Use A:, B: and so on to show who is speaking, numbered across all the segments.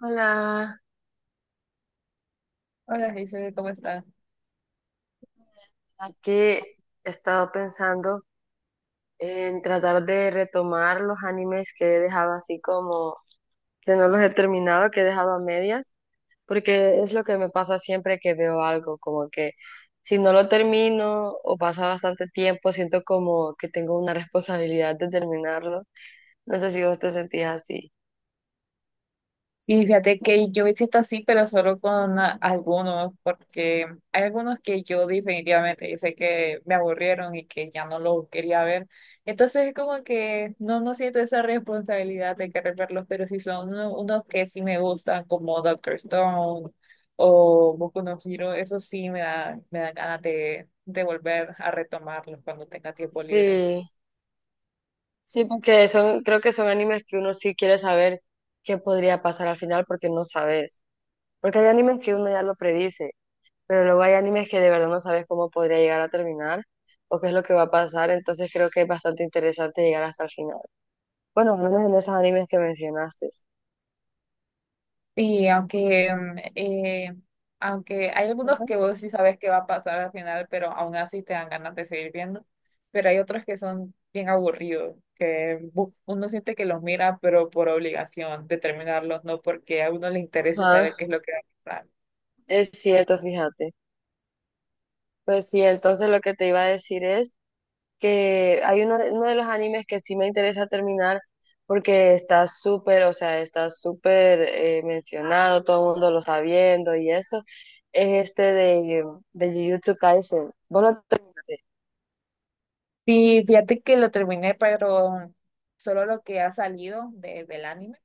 A: Hola,
B: Hola, Giselle, ¿cómo estás?
A: aquí he estado pensando en tratar de retomar los animes que he dejado, así como que no los he terminado, que he dejado a medias, porque es lo que me pasa siempre que veo algo, como que si no lo termino o pasa bastante tiempo, siento como que tengo una responsabilidad de terminarlo. No sé si vos te sentías así.
B: Y fíjate que yo me siento así, pero solo con algunos, porque hay algunos que yo definitivamente, yo sé que me aburrieron y que ya no los quería ver. Entonces es como que no, no siento esa responsabilidad de querer verlos, pero sí son unos que sí me gustan, como Doctor Stone o Boku no Hero, eso sí me da ganas de volver a retomarlos cuando tenga tiempo libre.
A: Sí, sí, porque son, creo que son animes que uno sí quiere saber qué podría pasar al final porque no sabes. Porque hay animes que uno ya lo predice, pero luego hay animes que de verdad no sabes cómo podría llegar a terminar o qué es lo que va a pasar, entonces creo que es bastante interesante llegar hasta el final. Bueno, al menos en esos animes que mencionaste.
B: Sí, aunque, aunque hay algunos
A: Ajá.
B: que vos sí sabes qué va a pasar al final, pero aún así te dan ganas de seguir viendo. Pero hay otros que son bien aburridos, que uno siente que los mira, pero por obligación de terminarlos, no porque a uno le interese saber
A: Ajá,
B: qué es lo que va a pasar.
A: es cierto, fíjate. Pues sí, entonces lo que te iba a decir es que hay uno, uno de los animes que sí me interesa terminar porque está súper, o sea, está súper mencionado, todo el mundo lo está viendo y eso, es este de Jujutsu Kaisen. Vos lo terminaste.
B: Sí, fíjate que lo terminé, pero solo lo que ha salido del anime,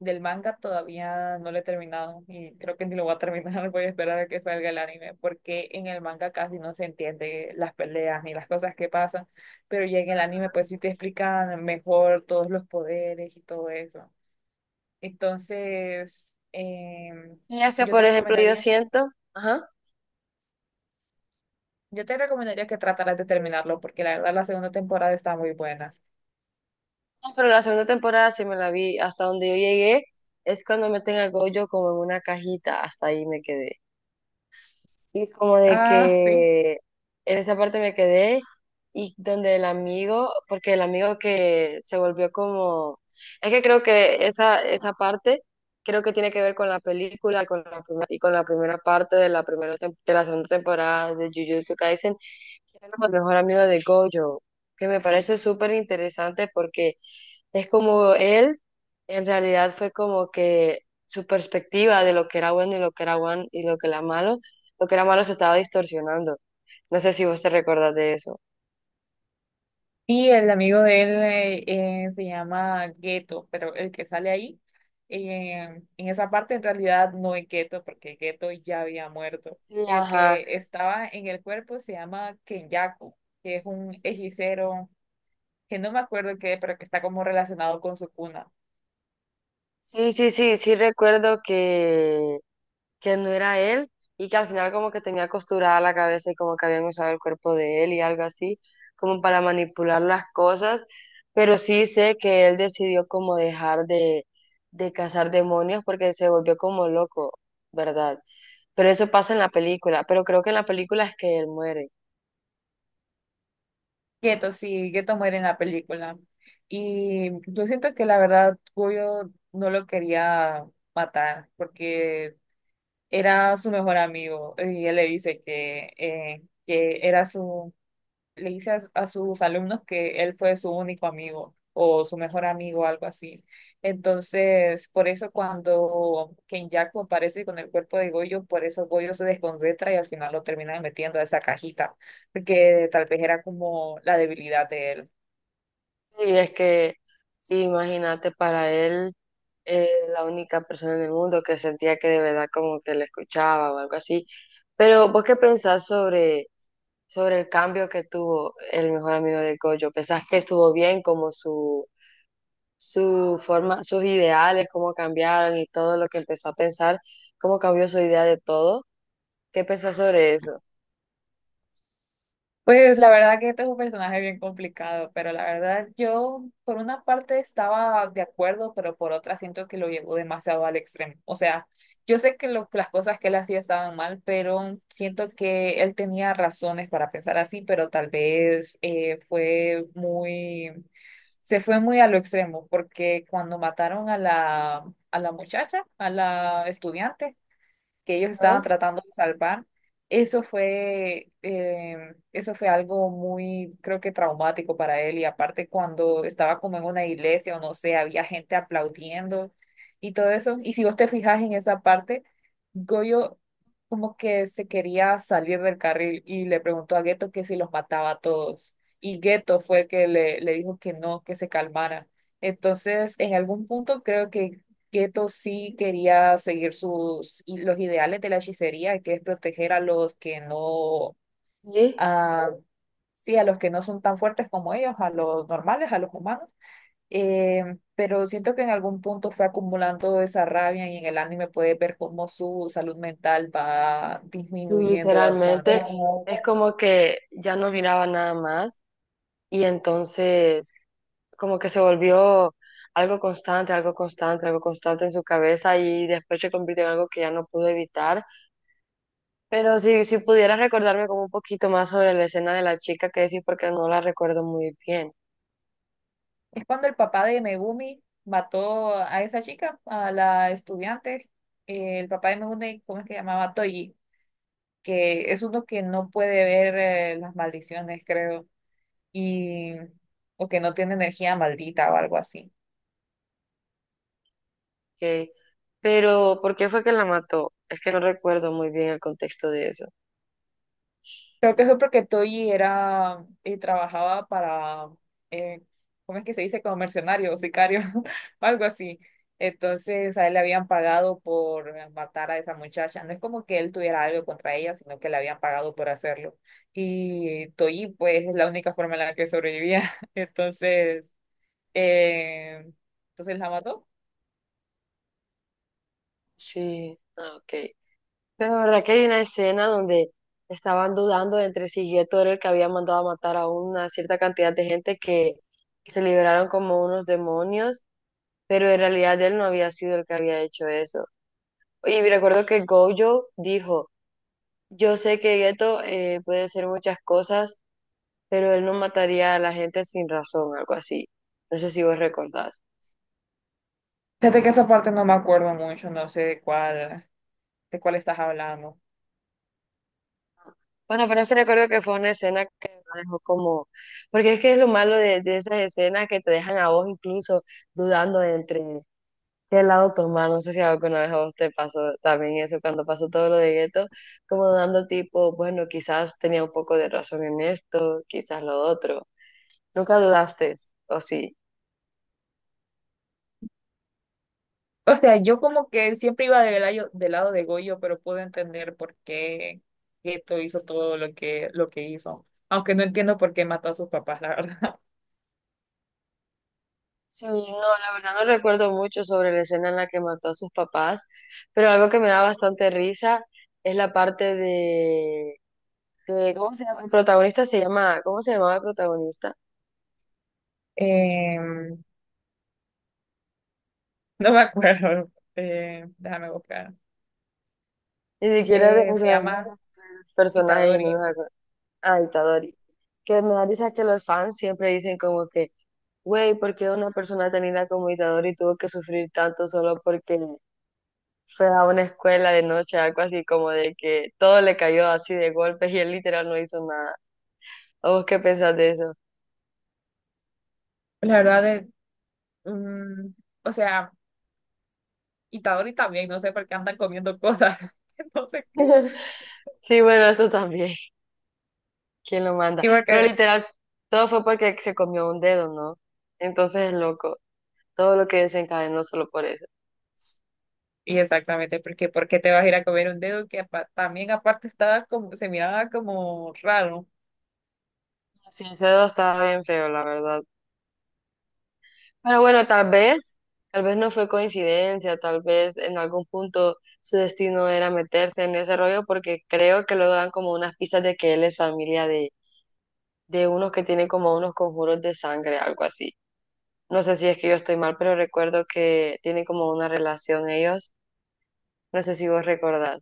B: del manga todavía no lo he terminado y creo que ni lo voy a terminar, voy a esperar a que salga el anime, porque en el manga casi no se entiende las peleas ni las cosas que pasan, pero ya en el anime pues sí te explican mejor todos los poderes y todo eso. Entonces,
A: Y es que,
B: yo te
A: por ejemplo, yo
B: recomendaría,
A: siento, ajá,
B: yo te recomendaría que trataras de terminarlo, porque la verdad la segunda temporada está muy buena.
A: no, pero la segunda temporada sí me la vi, hasta donde yo llegué, es cuando meten a Gojo como en una cajita, hasta ahí me quedé. Y como de
B: Ah, sí.
A: que en esa parte me quedé y donde el amigo, porque el amigo que se volvió como, es que creo que esa parte creo que tiene que ver con la película, con la primera, y con la primera parte de la primera tem- de la segunda temporada de Jujutsu Kaisen, que era como el mejor amigo de Gojo, que me parece súper interesante porque es como él, en realidad fue como que su perspectiva de lo que era bueno y lo que era bueno y lo que era malo, lo que era malo, se estaba distorsionando. No sé si vos te recordás de eso.
B: Y el amigo de él se llama Gueto, pero el que sale ahí, en esa parte en realidad no es Gueto, porque Gueto ya había muerto.
A: Sí,
B: El
A: ajá.
B: que estaba en el cuerpo se llama Kenyaku, que es un hechicero que no me acuerdo qué, pero que está como relacionado con su cuna.
A: Sí, sí, sí, sí recuerdo que no era él y que al final como que tenía costurada la cabeza y como que habían usado el cuerpo de él y algo así, como para manipular las cosas, pero sí sé que él decidió como dejar de cazar demonios porque se volvió como loco, ¿verdad? Pero eso pasa en la película, pero creo que en la película es que él muere.
B: Gueto, sí, Gueto muere en la película. Y yo siento que la verdad Goyo no lo quería matar, porque era su mejor amigo y él le dice que era le dice a sus alumnos que él fue su único amigo o su mejor amigo, algo así. Entonces, por eso cuando Kenyaku aparece con el cuerpo de Goyo, por eso Goyo se desconcentra y al final lo termina metiendo a esa cajita, porque tal vez era como la debilidad de él.
A: Y es que, sí, imagínate, para él, la única persona en el mundo que sentía que de verdad como que le escuchaba o algo así. Pero vos qué pensás sobre sobre el cambio que tuvo el mejor amigo de Gojo. ¿Pensás que estuvo bien como su forma, sus ideales, cómo cambiaron y todo lo que empezó a pensar, cómo cambió su idea de todo? ¿Qué pensás sobre eso?
B: Pues la verdad que este es un personaje bien complicado, pero la verdad yo por una parte estaba de acuerdo, pero por otra siento que lo llevó demasiado al extremo. O sea, yo sé que las cosas que él hacía estaban mal, pero siento que él tenía razones para pensar así, pero tal vez fue muy, se fue muy a lo extremo, porque cuando mataron a a la muchacha, a la estudiante, que ellos estaban
A: Ajá.
B: tratando de salvar. Eso fue algo muy, creo que traumático para él. Y aparte cuando estaba como en una iglesia o no sé, había gente aplaudiendo y todo eso. Y si vos te fijas en esa parte, Goyo como que se quería salir del carril y le preguntó a Geto que si los mataba a todos. Y Geto fue el que le dijo que no, que se calmara. Entonces, en algún punto creo que Keto sí quería seguir sus, y los ideales de la hechicería, que es proteger a los que no,
A: Sí,
B: a sí, a los que no son tan fuertes como ellos, a los normales, a los humanos. Eh, pero siento que en algún punto fue acumulando esa rabia y en el anime puedes ver cómo su salud mental va disminuyendo bastante.
A: literalmente es como que ya no miraba nada más y entonces como que se volvió algo constante, algo constante, algo constante en su cabeza y después se convirtió en algo que ya no pudo evitar. Pero si, si pudieras recordarme como un poquito más sobre la escena de la chica que decís, porque no la recuerdo muy bien,
B: Es cuando el papá de Megumi mató a esa chica, a la estudiante. El papá de Megumi, ¿cómo es que se llamaba? Toji, que es uno que no puede ver las maldiciones, creo, y o que no tiene energía maldita o algo así.
A: ¿ok? Pero ¿por qué fue que la mató? Es que no recuerdo muy bien el contexto de eso.
B: Creo que fue porque Toyi era y trabajaba para, eh, ¿cómo es que se dice? Como mercenario o sicario o algo así. Entonces a él le habían pagado por matar a esa muchacha. No es como que él tuviera algo contra ella, sino que le habían pagado por hacerlo. Y Toyi, pues, es la única forma en la que sobrevivía. Entonces, eh, entonces la mató.
A: Sí, ah, ok. Pero la verdad que hay una escena donde estaban dudando entre si Geto era el que había mandado a matar a una cierta cantidad de gente que se liberaron como unos demonios, pero en realidad él no había sido el que había hecho eso. Y recuerdo que Gojo dijo: yo sé que Gueto puede ser muchas cosas, pero él no mataría a la gente sin razón, algo así. No sé si vos recordás.
B: Fíjate que esa parte no me acuerdo mucho, no sé de cuál estás hablando.
A: Bueno, pero es que recuerdo que fue una escena que me dejó como... Porque es que es lo malo de esas escenas que te dejan a vos incluso dudando entre qué lado tomar. No sé si alguna vez a vos te pasó también eso, cuando pasó todo lo de Gueto, como dudando tipo, bueno, quizás tenía un poco de razón en esto, quizás lo otro. ¿Nunca dudaste, o sí?
B: O sea, yo como que siempre iba del lado de Goyo, pero puedo entender por qué Geto hizo todo lo que hizo. Aunque no entiendo por qué mató a sus papás, la verdad.
A: Sí, no, la verdad no recuerdo mucho sobre la escena en la que mató a sus papás, pero algo que me da bastante risa es la parte de- ¿cómo se llama? El protagonista se llama, ¿cómo se llamaba el protagonista?
B: Em, no me acuerdo. Déjame buscar.
A: Ni siquiera, de- o
B: Se
A: sea, no
B: llama
A: me acuerdo de los personajes y no
B: Itadori.
A: nos acuerdo. Ah, Itadori. Que me da risa que los fans siempre dicen como que, güey, ¿por qué una persona tan linda como Itadori tuvo que sufrir tanto solo porque fue a una escuela de noche, algo así como de que todo le cayó así de golpe y él literal no hizo nada? Oh, ¿qué pensás de eso?
B: La verdad es, mm, o sea, Itadori también, no sé por qué andan comiendo cosas. Entonces, ¿qué?
A: Sí, bueno, eso también. ¿Quién lo manda?
B: Y
A: Pero
B: porque
A: literal, todo fue porque se comió un dedo, ¿no? Entonces es loco. Todo lo que desencadenó solo por eso.
B: Y exactamente, porque ¿por qué te vas a ir a comer un dedo que también aparte estaba como, se miraba como raro?
A: Sí, ese dedo estaba bien feo, la verdad. Pero bueno, tal vez no fue coincidencia, tal vez en algún punto su destino era meterse en ese rollo porque creo que luego dan como unas pistas de que él es familia de unos que tienen como unos conjuros de sangre, algo así. No sé si es que yo estoy mal, pero recuerdo que tienen como una relación ellos. No sé si vos recordás.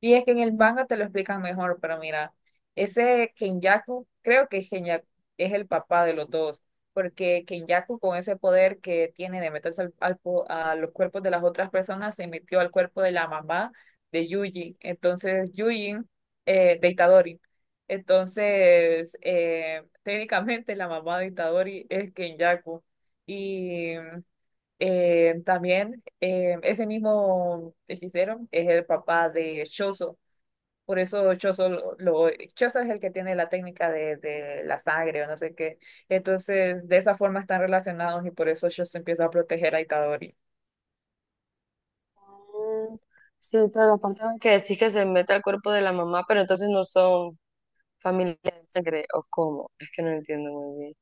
B: Y es que en el manga te lo explican mejor, pero mira, ese Kenyaku, creo que Kenyaku es el papá de los dos, porque Kenyaku con ese poder que tiene de meterse a los cuerpos de las otras personas, se metió al cuerpo de la mamá de Yuji. Entonces, Yuji, de Itadori. Entonces, técnicamente la mamá de Itadori es Kenyaku. Y también ese mismo hechicero es el papá de Shoso. Por eso Chozo, Chozo es el que tiene la técnica de la sangre o no sé qué. Entonces, de esa forma están relacionados y por eso Chozo empieza a proteger a Itadori.
A: Mm, sí, pero aparte de que decís que se mete al cuerpo de la mamá, pero entonces no son familia de sangre, ¿o cómo? Es que no entiendo muy bien.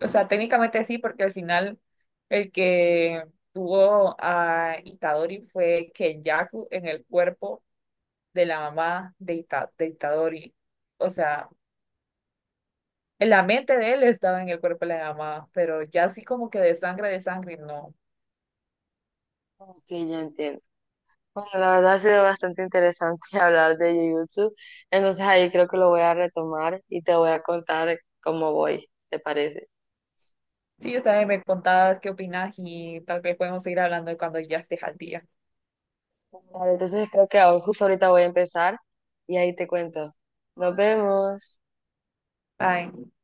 B: O sea, técnicamente sí, porque al final el que tuvo a Itadori fue Kenyaku en el cuerpo de la mamá de, de Itadori. O sea, en la mente de él estaba en el cuerpo de la mamá, pero ya así como que de sangre, no.
A: Ok, ya entiendo. Bueno, la verdad ha sido bastante interesante hablar de Jujutsu, entonces ahí creo que lo voy a retomar y te voy a contar cómo voy, ¿te parece?
B: Sí, también me contabas qué opinas y tal vez podemos seguir hablando cuando ya estés al día.
A: Vale, entonces creo que ahora- justo ahorita voy a empezar y ahí te cuento. Nos vemos.
B: Bye.